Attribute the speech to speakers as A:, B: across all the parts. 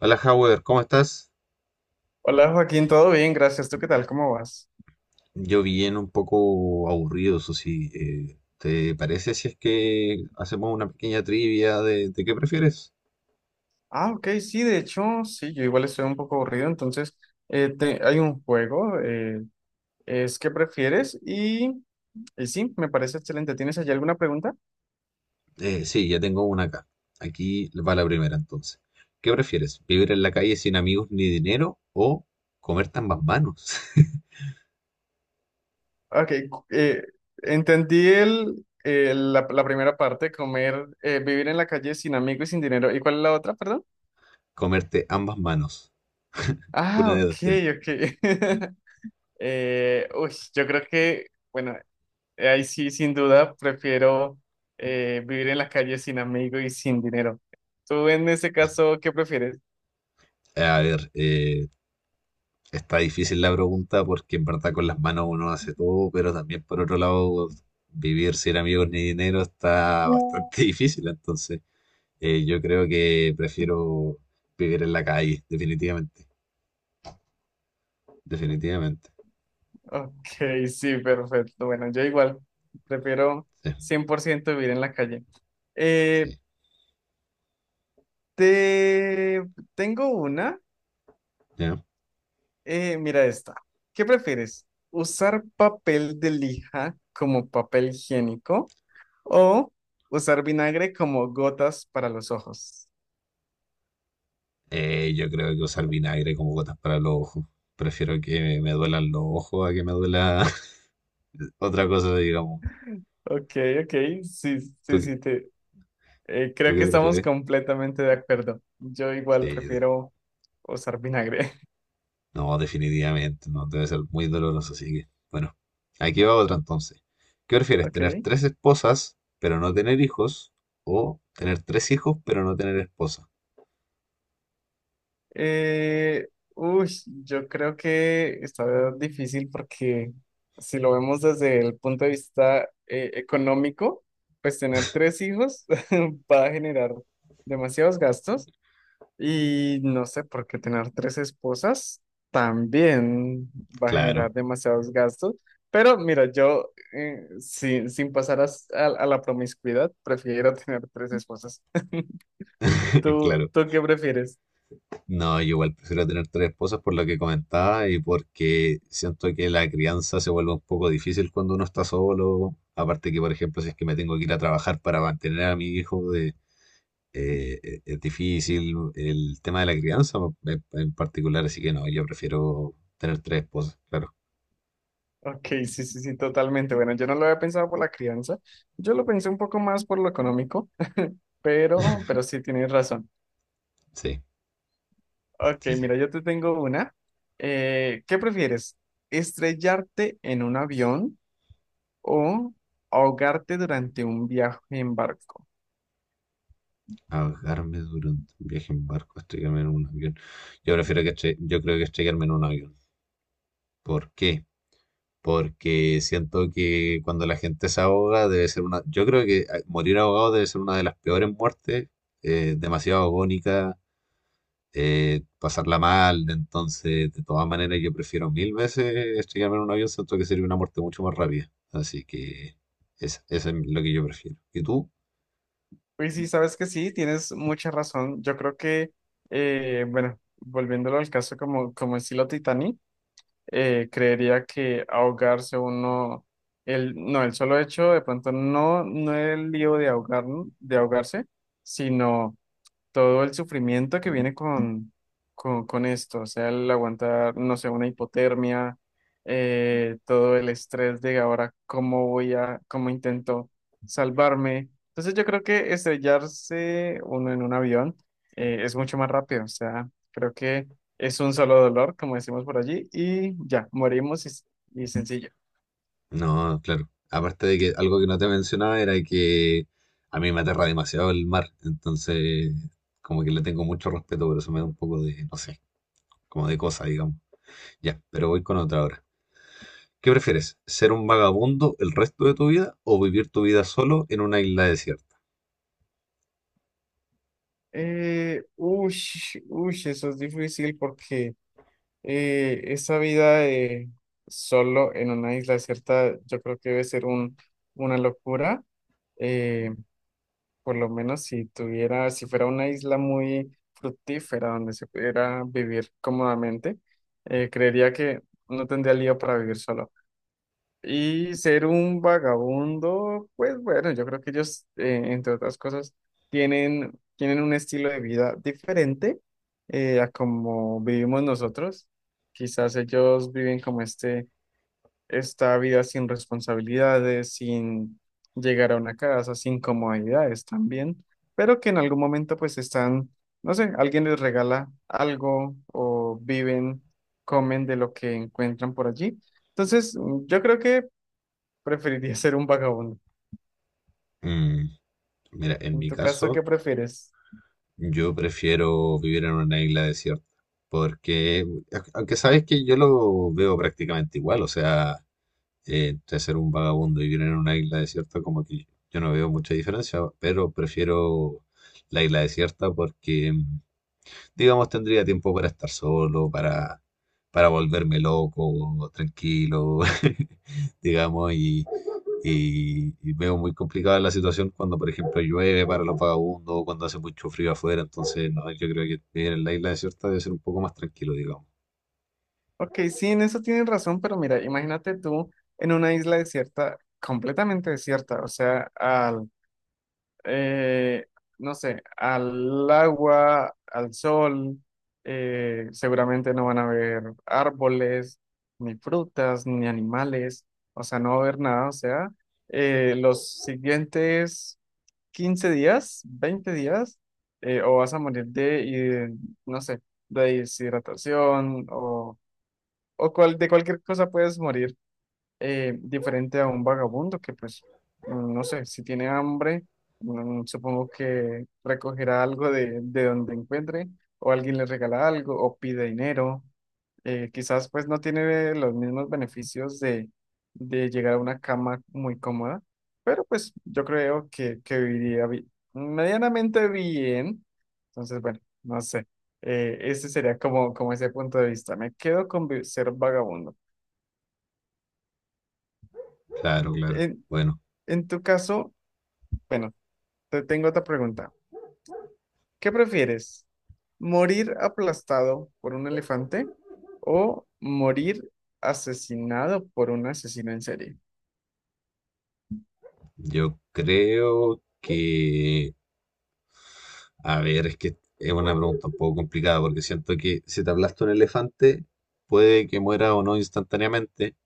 A: Hola, Howard, ¿cómo estás?
B: Hola Joaquín, todo bien, gracias. ¿Tú qué tal? ¿Cómo vas?
A: Yo bien un poco aburrido, eso sí. ¿Te parece si es que hacemos una pequeña trivia de, qué prefieres?
B: Ah, ok, sí, de hecho, sí, yo igual estoy un poco aburrido, entonces hay un juego, es ¿qué prefieres? Y sí, me parece excelente. ¿Tienes allí alguna pregunta?
A: Sí, ya tengo una acá. Aquí va la primera entonces. ¿Qué prefieres? ¿Vivir en la calle sin amigos ni dinero o comerte ambas manos?
B: Ok. Entendí la primera parte, vivir en la calle sin amigos y sin dinero. ¿Y cuál es la otra, perdón?
A: Comerte ambas manos.
B: Ah,
A: Una de
B: ok,
A: dos, tres.
B: ok. Yo creo que, bueno, ahí sí, sin duda, prefiero vivir en la calle sin amigos y sin dinero. ¿Tú en ese caso qué prefieres?
A: A ver, está difícil la pregunta porque en verdad con las manos uno hace todo, pero también por otro lado vivir sin amigos ni dinero está bastante difícil. Entonces, yo creo que prefiero vivir en la calle, definitivamente. Definitivamente.
B: Ok, sí, perfecto. Bueno, yo igual prefiero
A: Sí,
B: 100% vivir en la calle. Eh,
A: sí.
B: te tengo una.
A: ¿Ya?
B: Mira esta. ¿Qué prefieres? ¿Usar papel de lija como papel higiénico o usar vinagre como gotas para los ojos?
A: Yo creo que usar vinagre como gotas para los ojos. Prefiero que me duelan los ojos a que me duela otra cosa, digamos.
B: Ok, ok, sí, sí,
A: ¿Tú,
B: sí,
A: tú
B: creo
A: qué
B: que estamos
A: prefieres?
B: completamente de acuerdo. Yo igual
A: Sí,
B: prefiero usar vinagre.
A: no, definitivamente, no, debe ser muy doloroso, así que, bueno, aquí va otra entonces. ¿Qué prefieres,
B: Ok.
A: tener tres esposas, pero no tener hijos? ¿O tener tres hijos, pero no tener esposa?
B: Eh, uy, yo creo que está difícil porque si lo vemos desde el punto de vista económico, pues tener tres hijos va a generar demasiados gastos. Y no sé, porque tener tres esposas también va a
A: Claro,
B: generar demasiados gastos. Pero mira, yo sin pasar a la promiscuidad, prefiero tener tres esposas. ¿Tú,
A: claro.
B: tú qué prefieres?
A: No, yo igual prefiero tener tres esposas por lo que comentaba y porque siento que la crianza se vuelve un poco difícil cuando uno está solo. Aparte que, por ejemplo, si es que me tengo que ir a trabajar para mantener a mi hijo, de, es difícil el tema de la crianza pues, en particular, así que no, yo prefiero tener tres esposas, claro.
B: Ok, sí, sí, sí, totalmente. Bueno, yo no lo había pensado por la crianza. Yo lo pensé un poco más por lo económico, pero sí tienes razón.
A: Sí,
B: Ok,
A: sí, sí.
B: mira, yo te tengo una. ¿Qué prefieres? ¿Estrellarte en un avión? O ahogarte durante un viaje en barco.
A: Ahogarme durante un viaje en barco, estrellarme en un avión. Yo prefiero que yo creo que estrellarme en un avión. ¿Por qué? Porque siento que cuando la gente se ahoga debe ser una... Yo creo que ah, morir ahogado debe ser una de las peores muertes, demasiado agónica, pasarla mal. Entonces, de todas maneras, yo prefiero mil veces estrellarme en un avión, siento que sería una muerte mucho más rápida. Así que eso es lo que yo prefiero. ¿Y tú?
B: Pues sí, sabes que sí, tienes mucha razón. Yo creo que, bueno, volviéndolo al caso como estilo Titanic, creería que ahogarse uno, el, no, el solo hecho de pronto no el lío de ahogarse, sino todo el sufrimiento que viene con esto, o sea, el aguantar, no sé, una hipotermia, todo el estrés de ahora, cómo intento salvarme. Entonces yo creo que estrellarse uno en un avión es mucho más rápido, o sea, creo que es un solo dolor, como decimos por allí, y ya, morimos y sencillo.
A: No, claro. Aparte de que algo que no te mencionaba era que a mí me aterra demasiado el mar. Entonces, como que le tengo mucho respeto, pero eso me da un poco de, no sé, como de cosa, digamos. Ya, pero voy con otra ahora. ¿Qué prefieres? ¿Ser un vagabundo el resto de tu vida o vivir tu vida solo en una isla desierta?
B: Eh, uy, eso es difícil porque... esa vida solo en una isla desierta, yo creo que debe ser una locura. Eh, por lo menos si si fuera una isla muy fructífera donde se pudiera vivir cómodamente, creería que no tendría lío para vivir solo. Y ser un vagabundo, pues bueno, yo creo que ellos, entre otras cosas, tienen un estilo de vida diferente a como vivimos nosotros. Quizás ellos viven como esta vida sin responsabilidades, sin llegar a una casa, sin comodidades también, pero que en algún momento pues están, no sé, alguien les regala algo o viven, comen de lo que encuentran por allí. Entonces, yo creo que preferiría ser un vagabundo.
A: Mm. Mira, en
B: En
A: mi
B: tu caso, ¿qué
A: caso,
B: prefieres?
A: yo prefiero vivir en una isla desierta, porque, aunque sabes que yo lo veo prácticamente igual, o sea, entre ser un vagabundo y vivir en una isla desierta, como que yo no veo mucha diferencia, pero prefiero la isla desierta porque, digamos, tendría tiempo para estar solo, para volverme loco, tranquilo, digamos, y veo muy complicada la situación cuando, por ejemplo, llueve para los vagabundos, cuando hace mucho frío afuera, entonces, no, yo creo que vivir en la isla desierta debe ser un poco más tranquilo, digamos.
B: Ok, sí, en eso tienes razón, pero mira, imagínate tú en una isla desierta, completamente desierta, o sea, eh, no sé, al agua, al sol, seguramente no van a haber árboles, ni frutas, ni animales, o sea, no va a haber nada, o sea, los siguientes 15 días, 20 días, o vas a morir de, no sé, de deshidratación o, de cualquier cosa puedes morir diferente a un vagabundo que pues, no sé, si tiene hambre, supongo que recogerá algo de donde encuentre, o alguien le regala algo, o pide dinero. Quizás pues no tiene los mismos beneficios de llegar a una cama muy cómoda, pero pues yo creo que viviría medianamente bien. Entonces, bueno, no sé. Ese sería como, como ese punto de vista. Me quedo con ser vagabundo.
A: Claro, claro.
B: En,
A: Bueno,
B: en tu caso, bueno, te tengo otra pregunta. ¿Qué prefieres? ¿Morir aplastado por un elefante o morir asesinado por un asesino en serie?
A: yo creo que a ver, es que es una pregunta un poco complicada porque siento que si te aplasta un elefante, puede que muera o no instantáneamente,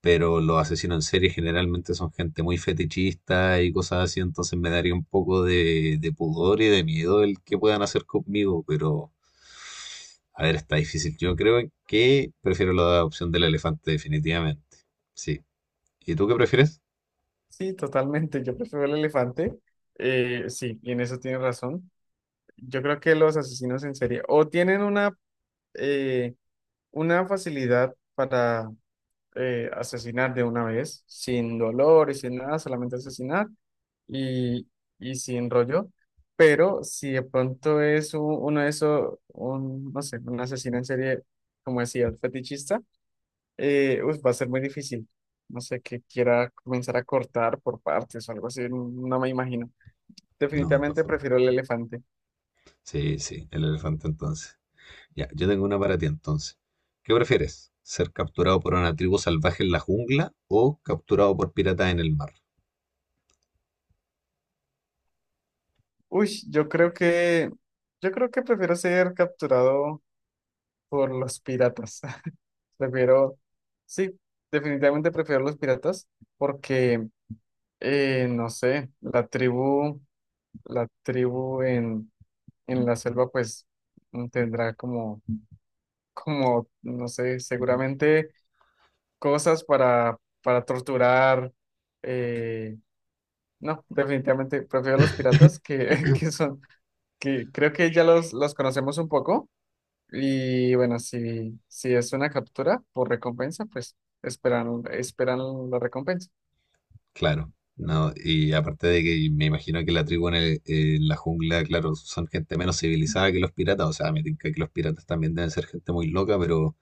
A: pero los asesinos en serie generalmente son gente muy fetichista y cosas así, entonces me daría un poco de pudor y de miedo el que puedan hacer conmigo, pero a ver, está difícil. Yo creo que prefiero la opción del elefante definitivamente. Sí. ¿Y tú qué prefieres?
B: Sí, totalmente. Yo prefiero el elefante. Sí, y en eso tienes razón. Yo creo que los asesinos en serie o tienen eh, una facilidad para asesinar de una vez, sin dolor y sin nada, solamente asesinar y, y sin rollo. Pero si de pronto es uno de esos, un, no sé, un asesino en serie, como decía, el fetichista, uf, va a ser muy difícil. No sé, que quiera comenzar a cortar por partes o algo así, no me imagino.
A: No, de todas
B: Definitivamente
A: formas.
B: prefiero el elefante.
A: Sí, sí, el elefante entonces. Ya, yo tengo una para ti entonces. ¿Qué prefieres? ¿Ser capturado por una tribu salvaje en la jungla o capturado por piratas en el mar?
B: Uy, yo creo que prefiero ser capturado por los piratas. Prefiero, sí, definitivamente prefiero los piratas porque, no sé, la tribu en la selva pues tendrá como no sé, seguramente cosas para torturar. eh, no, definitivamente prefiero los piratas que, que son, que creo que ya los conocemos un poco. Y bueno, si es una captura por recompensa, pues esperan la recompensa.
A: Claro, no, y aparte de que me imagino que la tribu en, en la jungla, claro, son gente menos civilizada que los piratas, o sea, me tinca que los piratas también deben ser gente muy loca, pero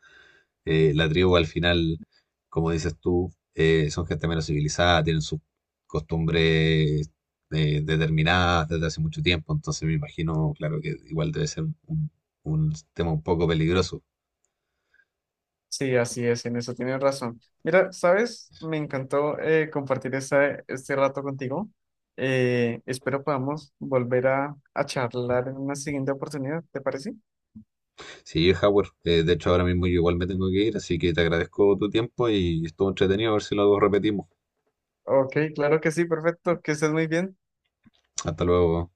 A: La tribu al final, como dices tú, son gente menos civilizada, tienen sus costumbres, determinadas desde hace mucho tiempo, entonces me imagino, claro que igual debe ser un tema un poco peligroso.
B: Sí, así es, en eso tienes razón. Mira, ¿sabes? Me encantó compartir este rato contigo. Espero podamos volver a charlar en una siguiente oportunidad, ¿te parece?
A: Sí, Howard, de hecho ahora mismo yo igual me tengo que ir, así que te agradezco tu tiempo y estuvo entretenido, a ver si luego repetimos.
B: Ok, claro que sí, perfecto, que estés muy bien.
A: Hasta luego.